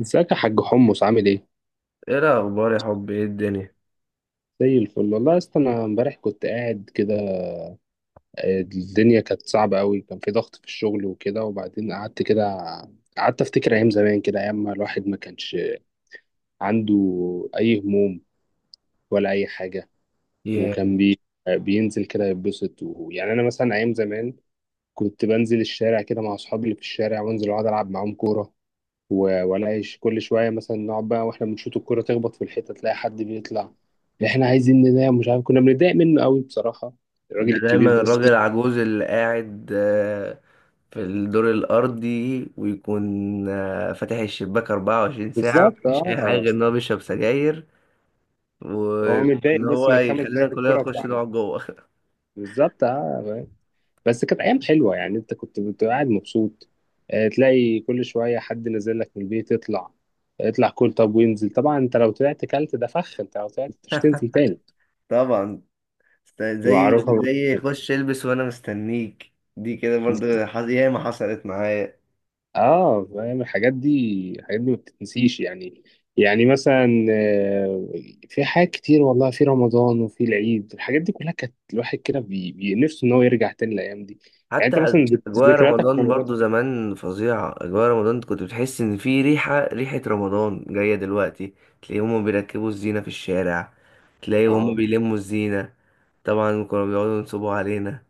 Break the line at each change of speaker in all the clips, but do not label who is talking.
ازيك يا حاج حمص عامل ايه؟
ايه الاخبار يا حب؟ ايه الدنيا؟
زي الفل والله يا اسطى. انا امبارح كنت قاعد كده، الدنيا كانت صعبة قوي، كان في ضغط في الشغل وكده. وبعدين قعدت كده، قعدت افتكر ايام زمان كده، ايام ما الواحد ما كانش عنده اي هموم ولا اي حاجة.
ياه.
وكان بي... بينزل كده يتبسط. ويعني انا مثلا ايام زمان كنت بنزل الشارع كده مع اصحابي اللي في الشارع، وانزل اقعد العب معاهم كورة، والاقي كل شويه مثلا نقعد بقى، واحنا بنشوط الكوره تخبط في الحيطه، تلاقي حد بيطلع: احنا عايزين ننام، مش عارف. كنا بنتضايق منه قوي بصراحه، الراجل
ده
الكبير
دايما
ده. بس
الراجل العجوز اللي قاعد في الدور الارضي ويكون فاتح الشباك 24 ساعه،
بالظبط
مفيش
اه،
اي حاجه غير ان هو بيشرب سجاير
هو متضايق
وان
بس
هو
من خمس
يخلينا
دقايق،
كلنا
الكوره
نخش
بتاعنا.
نقعد جوه.
بالظبط اه، فاهم؟ بس كانت ايام حلوه يعني، انت كنت بتبقى قاعد مبسوط. تلاقي كل شويه حد نازل لك من البيت: اطلع اطلع. كل طب وينزل؟ طبعا انت لو طلعت كلت ده فخ، انت لو طلعت مش تنزل تاني.
طبعا. زي
معروفه.
زي خش البس وانا مستنيك، دي كده برضه، ياما حصلت معايا.
اه فاهم، الحاجات دي الحاجات دي ما بتتنسيش يعني. يعني مثلا، في حاجات كتير والله، في رمضان وفي العيد، الحاجات دي كلها كانت الواحد كده نفسه ان هو يرجع تاني الايام دي. يعني
حتى
انت مثلا
اجواء
ذكرياتك في
رمضان
رمضان؟
برضو زمان فظيعه. اجواء رمضان كنت بتحس ان في ريحه رمضان جايه دلوقتي. تلاقي هما بيركبوا الزينه في الشارع، تلاقي هما
اه
بيلموا الزينه. طبعا كانوا بيقعدوا ينصبوا علينا.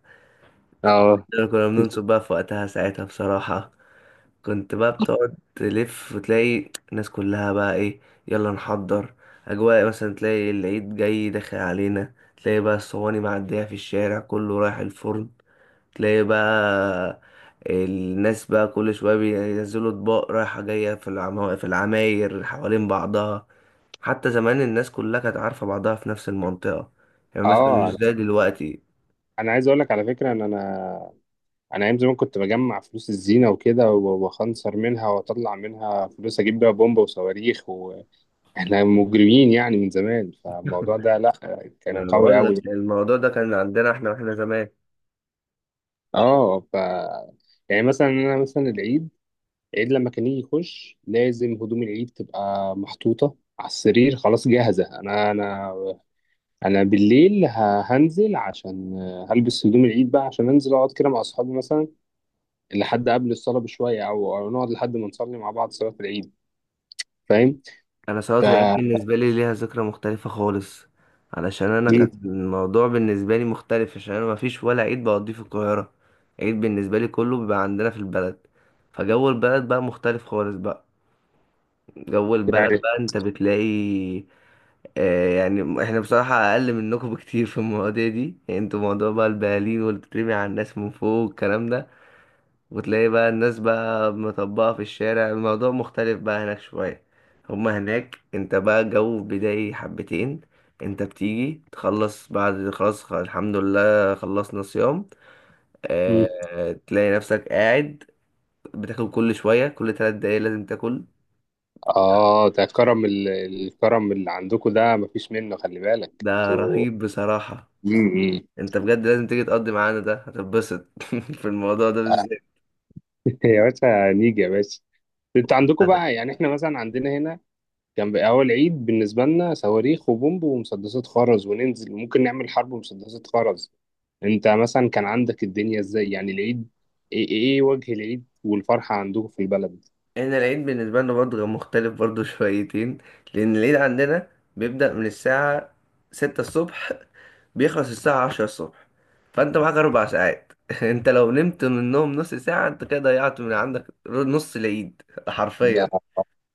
اه
احنا كنا بننصب بقى في وقتها ساعتها بصراحه. كنت بقى بتقعد تلف وتلاقي الناس كلها بقى ايه، يلا نحضر. اجواء مثلا تلاقي العيد جاي داخل علينا، تلاقي بقى الصواني معديه في الشارع كله رايح الفرن. تلاقي بقى الناس بقى كل شوية بينزلوا اطباق رايحة جاية في العماير حوالين بعضها. حتى زمان الناس كلها كانت عارفة بعضها في نفس المنطقة. يعني مثلا مش
اه،
زي دلوقتي.
انا عايز اقول لك على فكره ان انا ايام زمان كنت بجمع فلوس الزينه وكده، واخنصر منها واطلع منها فلوس اجيب بيها بومبا وصواريخ. واحنا مجرمين يعني من زمان، فالموضوع ده لا،
ما
كان
انا
قوي
بقول
قوي.
لك الموضوع ده كان عندنا احنا واحنا زمان.
اه، ف يعني مثلا انا مثلا العيد، العيد لما كان يجي يخش لازم هدوم العيد تبقى محطوطه على السرير خلاص جاهزه. انا بالليل هنزل عشان هلبس هدوم العيد بقى، عشان انزل اقعد كده مع اصحابي مثلا، لحد قبل الصلاه بشويه، او أو نقعد لحد ما نصلي مع بعض صلاه العيد. فاهم؟
انا صلاة
ف
العيد بالنسبة لي ليها ذكرى مختلفة خالص، علشان انا كان
مم،
الموضوع بالنسبة لي مختلف، عشان انا مفيش ولا عيد بقضيه في القاهرة. عيد بالنسبة لي كله بيبقى عندنا في البلد. فجو البلد بقى مختلف خالص بقى. جو البلد
يعني
بقى انت بتلاقي. يعني احنا بصراحة اقل منكم بكتير في المواضيع دي. يعني انتوا موضوع بقى البلالين واللي بتترمي على الناس من فوق والكلام ده، وتلاقي بقى الناس بقى مطبقة في الشارع. الموضوع مختلف بقى هناك شوية. هما هناك انت بقى جو بداية حبتين. انت بتيجي تخلص بعد خلاص، الحمد لله خلصنا صيام.
مم.
تلاقي نفسك قاعد بتاكل كل شوية، كل 3 دقايق لازم تاكل.
اه، ده كرم الكرم اللي عندكم ده مفيش منه، خلي بالك
ده
انتوا.
رهيب بصراحة.
مم. مم.
انت بجد لازم تيجي تقضي معانا، ده هتتبسط. في الموضوع ده بالذات.
يا باشا نيجي يا باشا. انت عندكم
هذا.
بقى، يعني احنا مثلا عندنا هنا كان بقى اول عيد بالنسبه لنا صواريخ وبومب ومسدسات خرز، وننزل ممكن نعمل حرب ومسدسات خرز. انت مثلا كان عندك الدنيا ازاي يعني العيد؟ ايه, ايه إيه وجه العيد والفرحه عندكم في البلد؟
احنا العيد بالنسبة لنا برضه كان مختلف برضه شويتين. لأن العيد عندنا بيبدأ من الساعة 6 الصبح، بيخلص الساعة 10 الصبح. فأنت معاك 4 ساعات. أنت لو نمت منهم نص ساعة أنت كده ضيعت من عندك نص العيد
ده
حرفيا.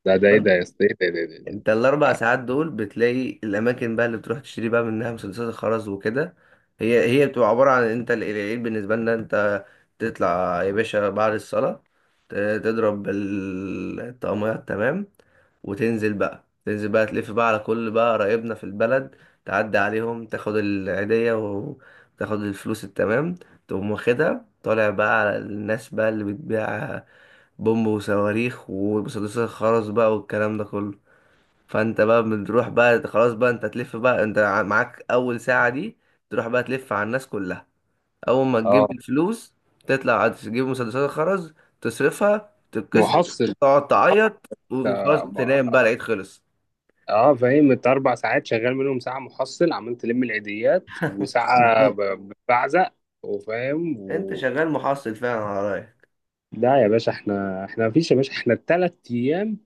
ده ده ايه ده يا اسطى، ايه ده ده ده ده.
انت ال 4 ساعات دول بتلاقي الاماكن بقى اللي بتروح تشتري بقى منها مسدسات الخرز وكده. هي بتبقى عباره عن، انت العيد بالنسبه لنا، انت تطلع يا باشا بعد الصلاه، ت- تضرب الطقميات تمام. وتنزل بقى، تنزل بقى تلف بقى على كل بقى قرايبنا في البلد، تعدي عليهم تاخد العيديه وتاخد الفلوس التمام. تقوم واخدها طالع بقى على الناس بقى اللي بتبيع بومب وصواريخ ومسدسات الخرز بقى والكلام ده كله. فانت بقى بتروح بقى خلاص بقى، انت تلف بقى، انت معاك اول ساعة دي تروح بقى تلف على الناس كلها. اول ما
اه،
تجيب الفلوس تطلع تجيب مسدسات الخرز، تصرفها تتكسر،
محصل
تقعد
محصل
تعيط وخلاص
اه.
تنام بقى العيد خلص.
اه، فاهم انت اربع ساعات شغال منهم ساعه محصل عمال تلم العيديات، وساعه
بالظبط.
بعزق وفاهم.
انت شغال محصل فعلا على رايك.
لا يا باشا احنا، مفيش يا باشا. احنا الثلاث ايام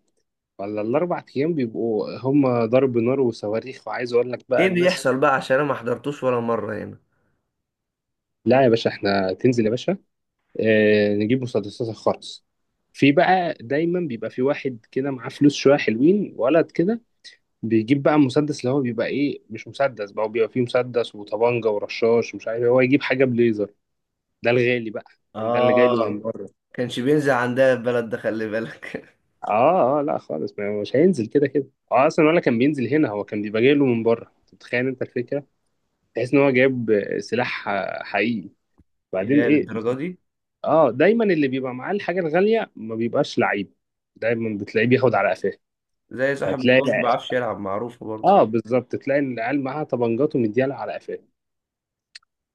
ولا الاربع ايام بيبقوا هم ضرب نار وصواريخ. وعايز اقول لك بقى
ايه
الناس،
بيحصل بقى؟ عشان انا ما حضرتوش ولا مرة هنا.
لا يا باشا احنا، تنزل يا باشا، اه نجيب مسدسات الخرز. في بقى دايما بيبقى في واحد كده معاه فلوس شويه، حلوين، ولد كده، بيجيب بقى مسدس، اللي هو بيبقى ايه، مش مسدس بقى، بيبقى فيه مسدس وطبانجه ورشاش ومش عارف إيه. هو يجيب حاجه بليزر، ده الغالي بقى. فاهم؟ ده اللي جاي له
اه
من بره.
كانش بينزل عندها البلد ده، خلي بالك.
اه اه، لا خالص، مش هينزل كده كده. اه اصلا ولا كان بينزل هنا، هو كان بيبقى جاي له من بره. انت متخيل انت الفكره، تحس ان هو جايب سلاح حقيقي؟ بعدين
يا
ايه،
للدرجة دي.
اه دايما اللي بيبقى معاه الحاجه الغاليه ما بيبقاش لعيب، دايما بتلاقيه بياخد على قفاه.
زي صاحب
فتلاقي،
الكورة ما بيعرفش يلعب، معروفة برضه.
اه بالظبط، تلاقي إن العيال معاها طبنجات ومديالها على قفاه.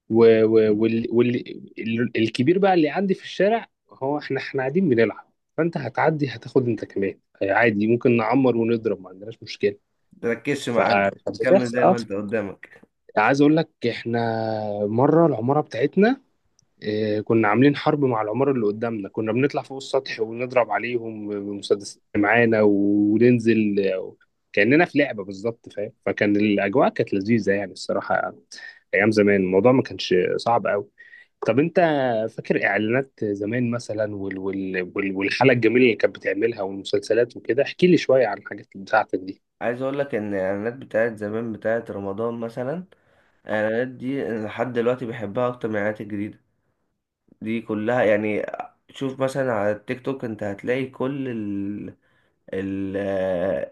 و... و... وال... وال... الكبير بقى اللي عندي في الشارع، هو احنا، قاعدين بنلعب، فانت هتعدي هتاخد انت كمان عادي، ممكن نعمر ونضرب، ما عندناش مشكله.
تركزش معانا.
فكانت
كمل
بتحصل
زي ما
اه.
انت قدامك.
عايز اقول لك، احنا مره العماره بتاعتنا، كنا عاملين حرب مع العماره اللي قدامنا. كنا بنطلع فوق السطح ونضرب عليهم بمسدسات اللي معانا وننزل، كاننا في لعبه بالظبط. فاهم، فكان الاجواء كانت لذيذه يعني الصراحه. ايام زمان الموضوع ما كانش صعب قوي. طب انت فاكر اعلانات زمان مثلا، وال والحلقه الجميله اللي كانت بتعملها والمسلسلات وكده، احكي لي شويه عن الحاجات بتاعتك دي.
عايز اقول لك ان الاعلانات بتاعت زمان بتاعت رمضان مثلا، الاعلانات دي أنا لحد دلوقتي بحبها اكتر من الاعلانات الجديده دي كلها يعني. شوف مثلا على التيك توك انت هتلاقي كل ال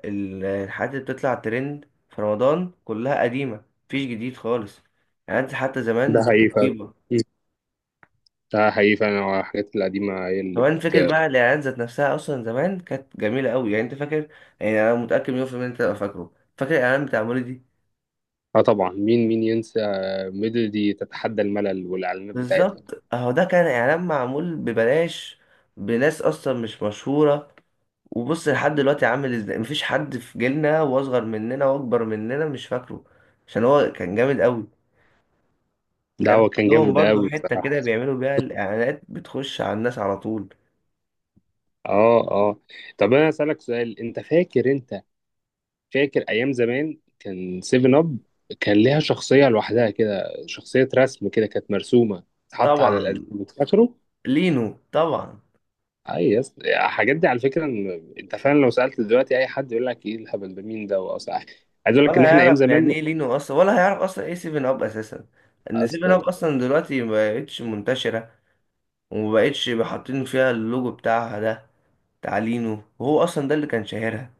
الحاجات اللي بتطلع ترند في رمضان كلها قديمه مفيش جديد خالص. اعلانات حتى
ده
زمان
حقيقي فعلا.
رهيبه.
ده حقيقي فعلا، هو الحاجات القديمة هي اللي
كمان
بت…
فكرة بقى الإعلانات ذات نفسها أصلا زمان كانت جميلة أوي، يعني أنت فاكر. يعني أنا متأكد مليون في المية أنت تبقى فاكره. فاكر الإعلان بتاع مريدي؟
اه طبعا، مين مين ينسى ميلودي تتحدى الملل والإعلانات بتاعتها؟
بالظبط اهو، ده كان اعلان معمول ببلاش بناس اصلا مش مشهوره. وبص لحد دلوقتي عامل ازاي، مفيش حد في جيلنا واصغر مننا واكبر مننا مش فاكره، عشان هو كان جامد قوي.
ده
كان
هو كان
عندهم
جامد
برضو
أوي
حته كده
بصراحة.
بيعملوا بيها الاعلانات بتخش على الناس على طول.
اه اه. طب أنا أسألك سؤال، أنت فاكر، أنت فاكر أيام زمان كان سيفن أب كان ليها شخصية لوحدها كده، شخصية رسم كده، كانت مرسومة تتحط على
طبعا،
الألبوم، فاكره؟
لينو طبعا.
أي يس. الحاجات دي على فكرة أنت فعلا لو سألت دلوقتي أي حد يقول لك إيه الهبل ده، مين ده وأصلا. عايز أقول لك
ولا
إن إحنا أيام
هيعرف يعني
زمان
ايه لينو اصلا، ولا هيعرف اصلا ايه سيفن اب اساسا. ان سيفن
أصلا.
اب اصلا دلوقتي مبقتش منتشره ومبقتش حاطين فيها اللوجو بتاعها ده. تعليمه هو اصلا ده اللي كان شاهرها.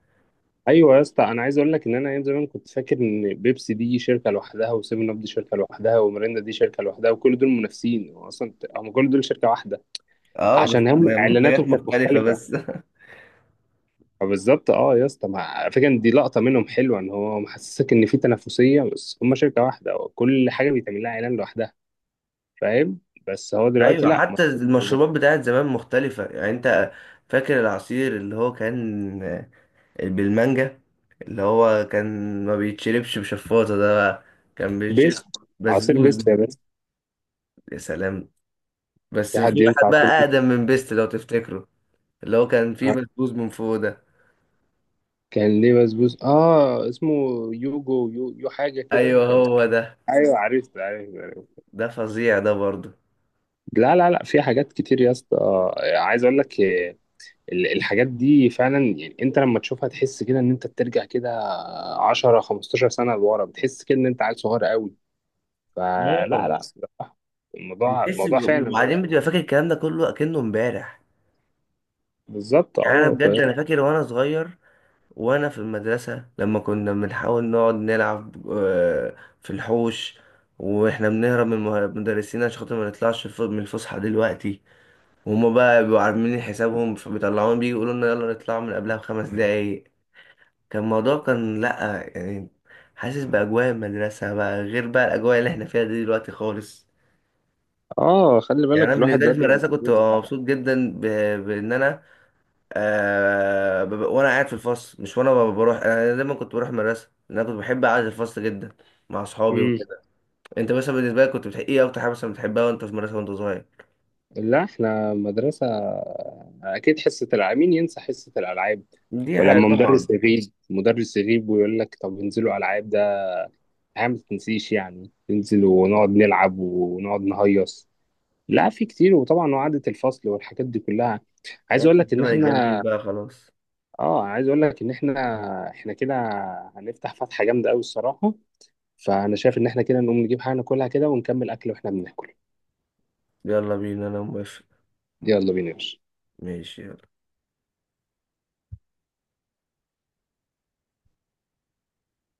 ايوه يا اسطى، انا عايز اقول لك ان انا ايام زمان كنت فاكر ان بيبسي دي شركه لوحدها، وسيفن اب دي شركه لوحدها، وميريندا دي شركه لوحدها، وكل دول منافسين. هو اصلا هم كل دول شركه واحده،
اه بس
عشان هم اعلاناتهم
منتجات
كانت
مختلفة
مختلفه.
بس.
فبالظبط اه يا اسطى، ما على فكره إن دي لقطه منهم حلوه، ان هو محسسك ان في تنافسيه بس هم شركه واحده، وكل حاجه بيتعمل لها اعلان لوحدها. فاهم؟ بس هو دلوقتي
ايوه.
لا،
حتى المشروبات بتاعت زمان مختلفة، يعني انت فاكر العصير اللي هو كان بالمانجا، اللي هو كان ما بيتشربش بشفاطة ده بقى، كان بيتشرب
بيست، عصير
بسبوس؟
بيست، يا بيست.
يا سلام. بس
في حد
في واحد
ينفع عصير
بقى
بيست.
اقدم من بيست لو تفتكره، اللي هو كان فيه بسبوس من فوق ده.
كان ليه بسبوس اه. اسمه يوجو، يو حاجه
ايوه
كده كان.
هو ده.
ايوه عرفت عرفت عرفت.
ده فظيع ده برضه.
لا لا لا، في حاجات كتير يا اسطى، عايز اقول لك، الحاجات دي فعلا، يعني انت لما تشوفها تحس كده ان انت بترجع كده 10 15 سنه لورا، بتحس كده ان انت عيل صغير قوي. فلا لا
اه
لا، الموضوع
البس،
الموضوع فعلا فرق
وبعدين
قوي.
بتبقى فاكر الكلام ده كله اكنه امبارح.
بالظبط
يعني انا
اه
بجد
فاهم.
انا فاكر وانا صغير وانا في المدرسه، لما كنا بنحاول نقعد نلعب في الحوش، واحنا بنهرب من المدرسين عشان خاطر ما نطلعش من الفسحه دلوقتي، وهما بقى بيبقوا عاملين حسابهم فبيطلعونا، بيجي يقولوا لنا يلا نطلع من قبلها بـ 5 دقايق. كان الموضوع كان لأ يعني. حاسس بأجواء المدرسة بقى غير بقى الأجواء اللي احنا فيها دي دلوقتي خالص.
اه خلي
يعني أنا
بالك الواحد
بالنسبة لي في
دلوقتي بقى
المدرسة كنت
مسؤول.
ببقى مبسوط جدا بإن أنا وانا قاعد في الفصل، مش وانا بروح، انا دايما كنت بروح المدرسه لأن انا كنت بحب قعده الفصل جدا مع اصحابي
امم.
وكده. انت مثلا بالنسبه لك كنت بتحب ايه اكتر حاجه مثلا بتحبها وانت في المدرسه وانت صغير؟
لا احنا مدرسه، اكيد حصه العاب، مين ينسى حصه الالعاب؟
دي حاجه
ولما
طبعا.
مدرس يغيب، مدرس يغيب ويقول لك طب انزلوا العاب، الحياة ما تتنسيش يعني. ننزل ونقعد نلعب ونقعد نهيص. لا في كتير، وطبعا وعدة الفصل والحاجات دي كلها. عايز اقول لك ان
الزمن الجميل
احنا
بقى خلاص.
اه عايز اقول لك ان احنا كده هنفتح فتحة جامدة قوي الصراحة. فانا شايف ان احنا كده نقوم نجيب حاجة ناكلها كده، ونكمل اكل واحنا بناكل.
يلا بينا انا موافق.
يلا بينا يا باشا.
ماشي.